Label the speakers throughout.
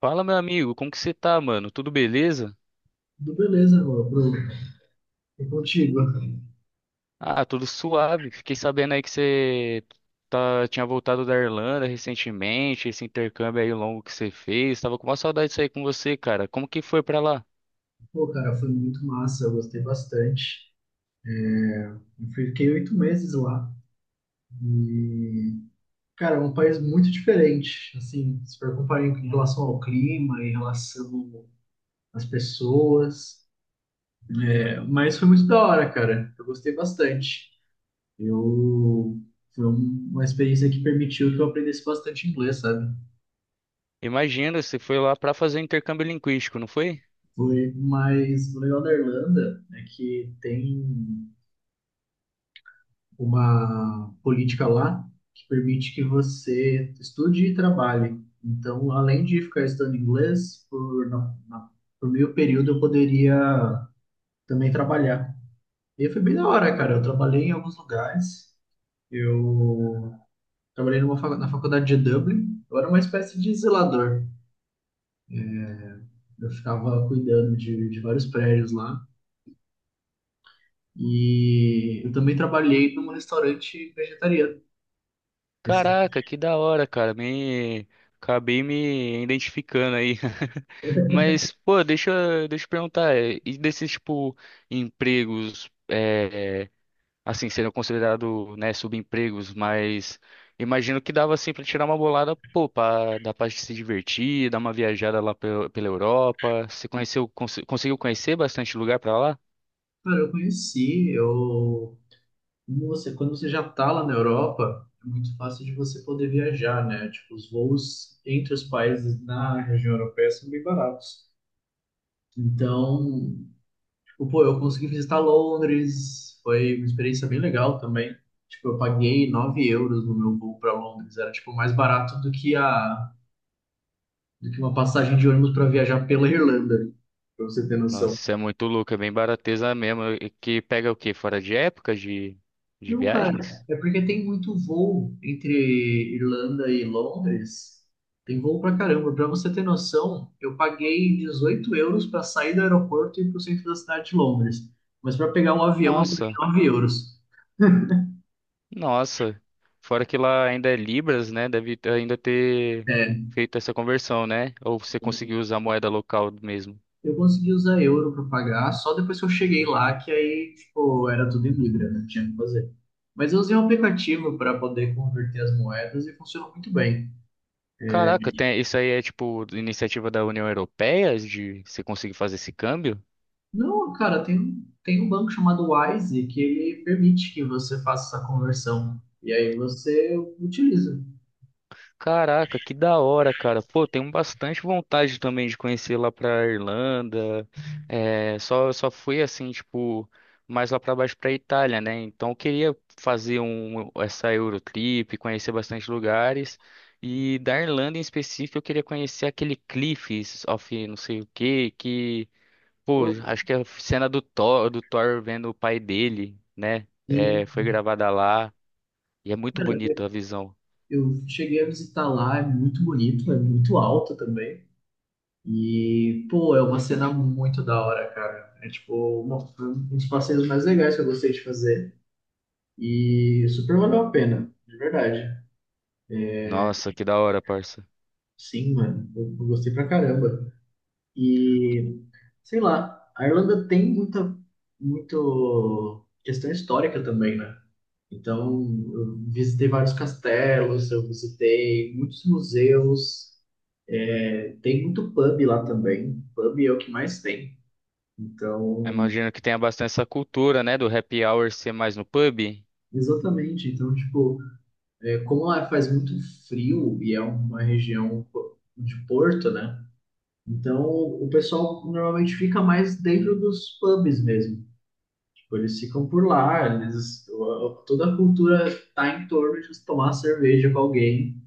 Speaker 1: Fala, meu amigo, como que você tá, mano? Tudo beleza?
Speaker 2: Tudo beleza, ô, Bruno. E contigo?
Speaker 1: Ah, tudo suave. Fiquei sabendo aí que tinha voltado da Irlanda recentemente, esse intercâmbio aí longo que você fez. Tava com uma saudade disso aí com você, cara. Como que foi pra lá?
Speaker 2: Pô, cara, foi muito massa, eu gostei bastante. Eu fiquei 8 meses lá. E, cara, é um país muito diferente, assim, se for comparar em relação ao clima, em relação às pessoas. É, mas foi muito da hora, cara. Eu gostei bastante. Eu... Foi uma experiência que permitiu que eu aprendesse bastante inglês, sabe?
Speaker 1: Imagina, você foi lá pra fazer intercâmbio linguístico, não foi?
Speaker 2: Foi, mas o legal da Irlanda é que tem uma política lá que permite que você estude e trabalhe. Então, além de ficar estudando inglês, por meio período eu poderia também trabalhar. E foi bem da hora, cara. Eu trabalhei em alguns lugares. Eu trabalhei na faculdade de Dublin. Eu era uma espécie de zelador. Eu ficava cuidando de vários prédios lá. E eu também trabalhei num restaurante vegetariano. Esse,
Speaker 1: Caraca, que da hora, cara. Me Acabei me identificando aí. Mas, pô, deixa eu perguntar, e desses tipo empregos, é assim, seriam considerados, né, subempregos, mas imagino que dava assim para tirar uma bolada, pô, dá pra se divertir, dar uma viajada lá pela Europa. Você conseguiu conhecer bastante lugar pra lá?
Speaker 2: cara, eu conheci, eu Nossa, quando você já tá lá na Europa, é muito fácil de você poder viajar, né? Tipo, os voos entre os países na região europeia são bem baratos. Então, tipo, pô, eu consegui visitar Londres, foi uma experiência bem legal também. Tipo, eu paguei 9 euros no meu voo para Londres, era tipo mais barato do que uma passagem de ônibus para viajar pela Irlanda, pra você ter noção.
Speaker 1: Nossa, isso é muito louco, é bem barateza mesmo. E que pega o quê? Fora de época de
Speaker 2: Não, cara,
Speaker 1: viagens?
Speaker 2: é porque tem muito voo entre Irlanda e Londres. Tem voo pra caramba. Pra você ter noção, eu paguei 18 euros pra sair do aeroporto e ir pro centro da cidade de Londres. Mas pra pegar um avião, eu paguei
Speaker 1: Nossa,
Speaker 2: 9 euros.
Speaker 1: nossa. Fora que lá ainda é Libras, né? Ainda ter
Speaker 2: É,
Speaker 1: feito essa conversão, né? Ou você conseguiu usar a moeda local mesmo.
Speaker 2: eu consegui usar euro pra pagar só depois que eu cheguei lá, que aí, tipo, era tudo em Libra, né? Não tinha o que fazer. Mas eu usei um aplicativo pra poder converter as moedas e funcionou muito bem.
Speaker 1: Caraca, tem, isso aí é tipo iniciativa da União Europeia de você conseguir fazer esse câmbio?
Speaker 2: Não, cara, tem, tem um banco chamado Wise que ele permite que você faça essa conversão. E aí você utiliza.
Speaker 1: Caraca, que da hora, cara. Pô, tenho bastante vontade também de conhecer lá pra Irlanda. É, só fui assim, tipo, mais lá pra baixo pra Itália, né? Então eu queria essa Eurotrip, conhecer bastante lugares. E da Irlanda em específico, eu queria conhecer aquele Cliffs of não sei o que, que pô,
Speaker 2: Pô,
Speaker 1: acho que a cena do Thor, vendo o pai dele, né?
Speaker 2: sim,
Speaker 1: É, foi gravada lá e é muito
Speaker 2: cara,
Speaker 1: bonito a
Speaker 2: eu
Speaker 1: visão.
Speaker 2: eu cheguei a visitar lá, é muito bonito, é muito alto também. E, pô, é uma cena muito da hora, cara. É tipo, uma, foi um dos passeios mais legais que eu gostei de fazer. E super valeu a pena, de verdade.
Speaker 1: Nossa, que da hora, parça.
Speaker 2: Sim, mano, eu gostei pra caramba. E. Sei lá, a Irlanda tem muito questão histórica também, né? Então, eu visitei vários castelos, eu visitei muitos museus, é, tem muito pub lá também. Pub é o que mais tem. Então,
Speaker 1: Imagino que tenha bastante essa cultura, né, do happy hour ser mais no pub.
Speaker 2: exatamente. Então, tipo, é, como lá faz muito frio e é uma região de porto, né? Então, o pessoal normalmente fica mais dentro dos pubs mesmo. Tipo, eles ficam por lá, eles, toda a cultura tá em torno de tomar cerveja com alguém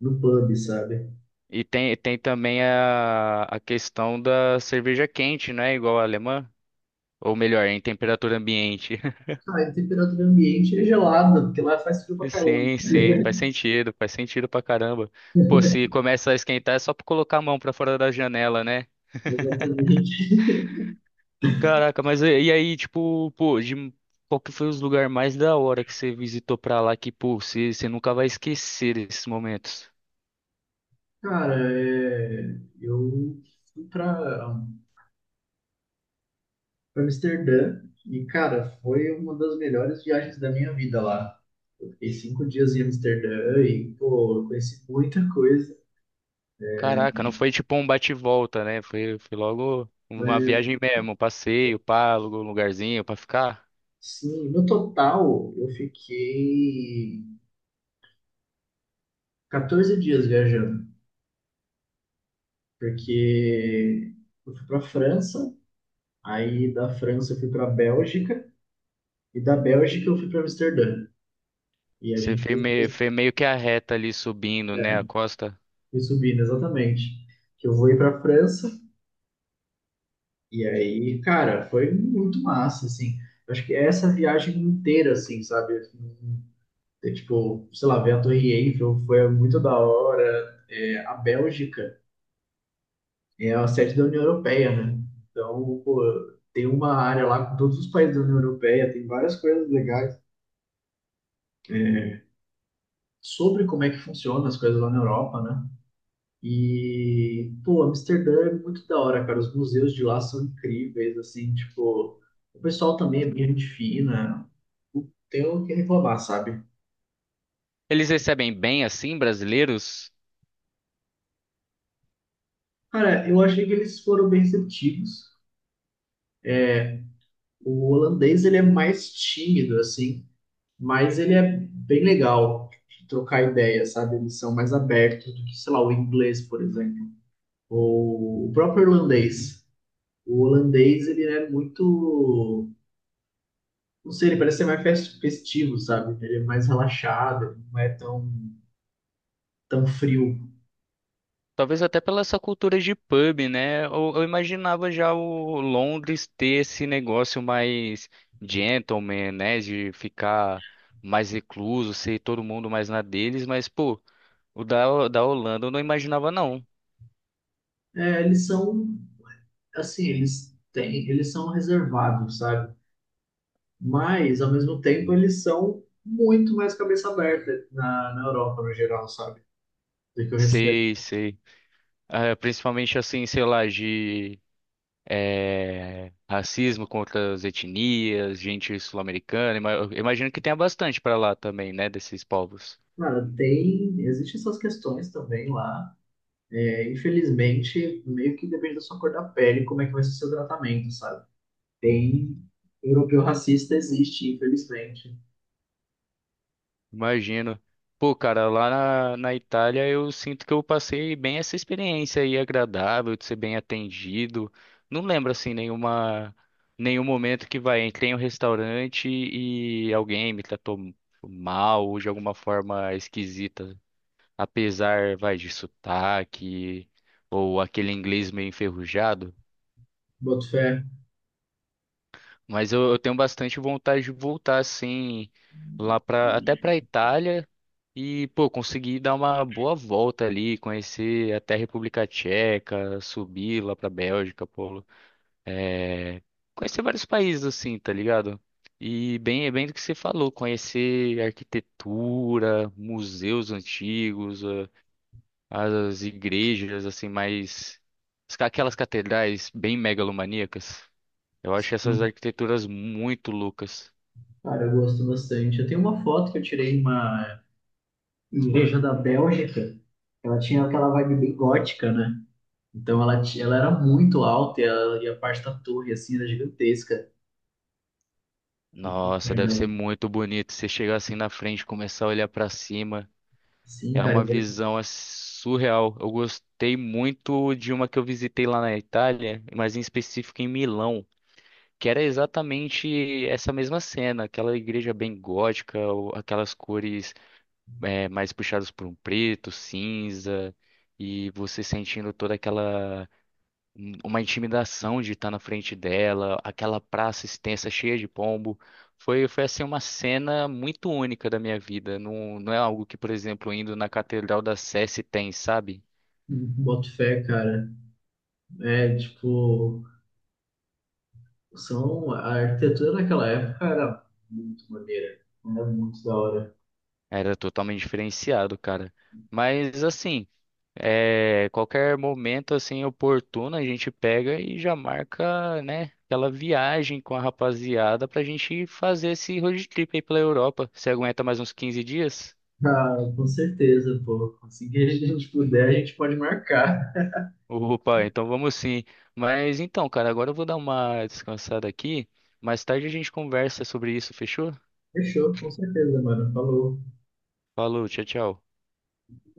Speaker 2: no pub, sabe?
Speaker 1: E tem também a questão da cerveja quente, né, igual a alemã. Ou melhor, em temperatura ambiente.
Speaker 2: Ah, e a temperatura ambiente é gelada, porque lá faz frio pra caramba.
Speaker 1: Sim,
Speaker 2: Tá
Speaker 1: sim,
Speaker 2: ligado?
Speaker 1: faz sentido pra caramba. Pô, se começa a esquentar é só pra colocar a mão pra fora da janela, né?
Speaker 2: Exatamente.
Speaker 1: Caraca, mas e aí, tipo, pô, de, qual que foi os lugares mais da hora que você visitou pra lá que, pô, você nunca vai esquecer desses momentos?
Speaker 2: Cara, é, eu fui pra Amsterdã e, cara, foi uma das melhores viagens da minha vida lá. Eu fiquei 5 dias em Amsterdã e, pô, eu conheci muita coisa.
Speaker 1: Caraca, não foi tipo um bate e volta, né? Foi logo uma
Speaker 2: Mas
Speaker 1: viagem mesmo, um passeio, pá, alugou um lugarzinho pra ficar.
Speaker 2: sim, no total eu fiquei 14 dias viajando, porque eu fui para França, aí da França eu fui para Bélgica e da Bélgica eu fui para Amsterdã. E a
Speaker 1: Você
Speaker 2: gente foi
Speaker 1: fez meio que a reta ali subindo, né, a costa.
Speaker 2: subindo exatamente. Que eu vou ir para França e aí, cara, foi muito massa assim. Eu acho que essa viagem inteira assim, sabe? É, tipo, sei lá, ver a Torre Eiffel foi muito da hora. É, a Bélgica é a sede da União Europeia, né? Então, pô, tem uma área lá com todos os países da União Europeia, tem várias coisas legais é, sobre como é que funcionam as coisas lá na Europa, né? E, pô, Amsterdã é muito da hora, cara. Os museus de lá são incríveis, assim, tipo, o pessoal também é bem gente fina. Não tenho o que reclamar, sabe?
Speaker 1: Eles recebem bem assim, brasileiros?
Speaker 2: Cara, eu achei que eles foram bem receptivos. O holandês, ele é mais tímido, assim. Mas ele é bem legal de trocar ideia, sabe? Eles são mais abertos do que, sei lá, o inglês, por exemplo, ou o próprio irlandês. O holandês, ele é muito, não sei, ele parece ser mais festivo, sabe? Ele é mais relaxado, ele não é tão, tão frio.
Speaker 1: Talvez até pela essa cultura de pub, né? Eu imaginava já o Londres ter esse negócio mais gentleman, né? De ficar mais recluso, ser todo mundo mais na deles, mas, pô, o da Holanda eu não imaginava, não.
Speaker 2: É, assim, eles são reservados, sabe? Mas, ao mesmo tempo, eles são muito mais cabeça aberta na Europa, no geral, sabe? Do que o restante.
Speaker 1: Sei, sei. Ah, principalmente assim, sei lá, de racismo contra as etnias, gente sul-americana. Ima- eu Imagino que tenha bastante pra lá também, né? Desses povos.
Speaker 2: Cara, existem essas questões também lá. É, infelizmente, meio que depende da sua cor da pele, como é que vai ser o seu tratamento, sabe? Tem europeu racista, existe, infelizmente.
Speaker 1: Imagino. Pô, cara, lá na Itália eu sinto que eu passei bem essa experiência aí agradável, de ser bem atendido. Não lembro assim nenhuma Nenhum momento que vai, entrei em um restaurante e alguém me tratou mal ou de alguma forma esquisita, apesar, vai, de sotaque ou aquele inglês meio enferrujado.
Speaker 2: Boto fé.
Speaker 1: Mas eu tenho bastante vontade de voltar assim lá para até para Itália e pô, conseguir dar uma boa volta ali, conhecer até a República Tcheca, subir lá para Bélgica, pô, é, conhecer vários países assim, tá ligado? E bem, é bem do que você falou, conhecer arquitetura, museus antigos, as igrejas assim mais aquelas catedrais bem megalomaníacas. Eu acho essas
Speaker 2: Sim.
Speaker 1: arquiteturas muito loucas.
Speaker 2: Cara, eu gosto bastante. Eu tenho uma foto que eu tirei em uma igreja da Bélgica. Ela tinha aquela vibe bem gótica, né? Então ela era muito alta e a parte da torre, assim, era gigantesca.
Speaker 1: Nossa, deve
Speaker 2: Era-
Speaker 1: ser muito bonito. Você chegar assim na frente e começar a olhar pra cima.
Speaker 2: Sim,
Speaker 1: É
Speaker 2: cara,
Speaker 1: uma visão assim, surreal. Eu gostei muito de uma que eu visitei lá na Itália, mas em específico em Milão, que era exatamente essa mesma cena, aquela igreja bem gótica, aquelas cores mais puxadas por um preto, cinza, e você sentindo toda aquela uma intimidação de estar na frente dela, aquela praça extensa cheia de pombo. Foi assim uma cena muito única da minha vida. Não, não é algo que, por exemplo, indo na Catedral da Sé se tem, sabe?
Speaker 2: boto fé, cara. É, tipo. A arquitetura naquela época era muito maneira, era muito da hora.
Speaker 1: Era totalmente diferenciado, cara. Mas assim, é, qualquer momento assim oportuno a gente pega e já marca, né? Aquela viagem com a rapaziada pra gente fazer esse road trip aí pela Europa. Você aguenta mais uns 15 dias?
Speaker 2: Ah, com certeza, pô. Assim que a gente puder, a gente pode marcar.
Speaker 1: Opa, então vamos sim. Mas então, cara, agora eu vou dar uma descansada aqui. Mais tarde a gente conversa sobre isso, fechou?
Speaker 2: Fechou, com certeza, mano. Falou.
Speaker 1: Falou, tchau, tchau.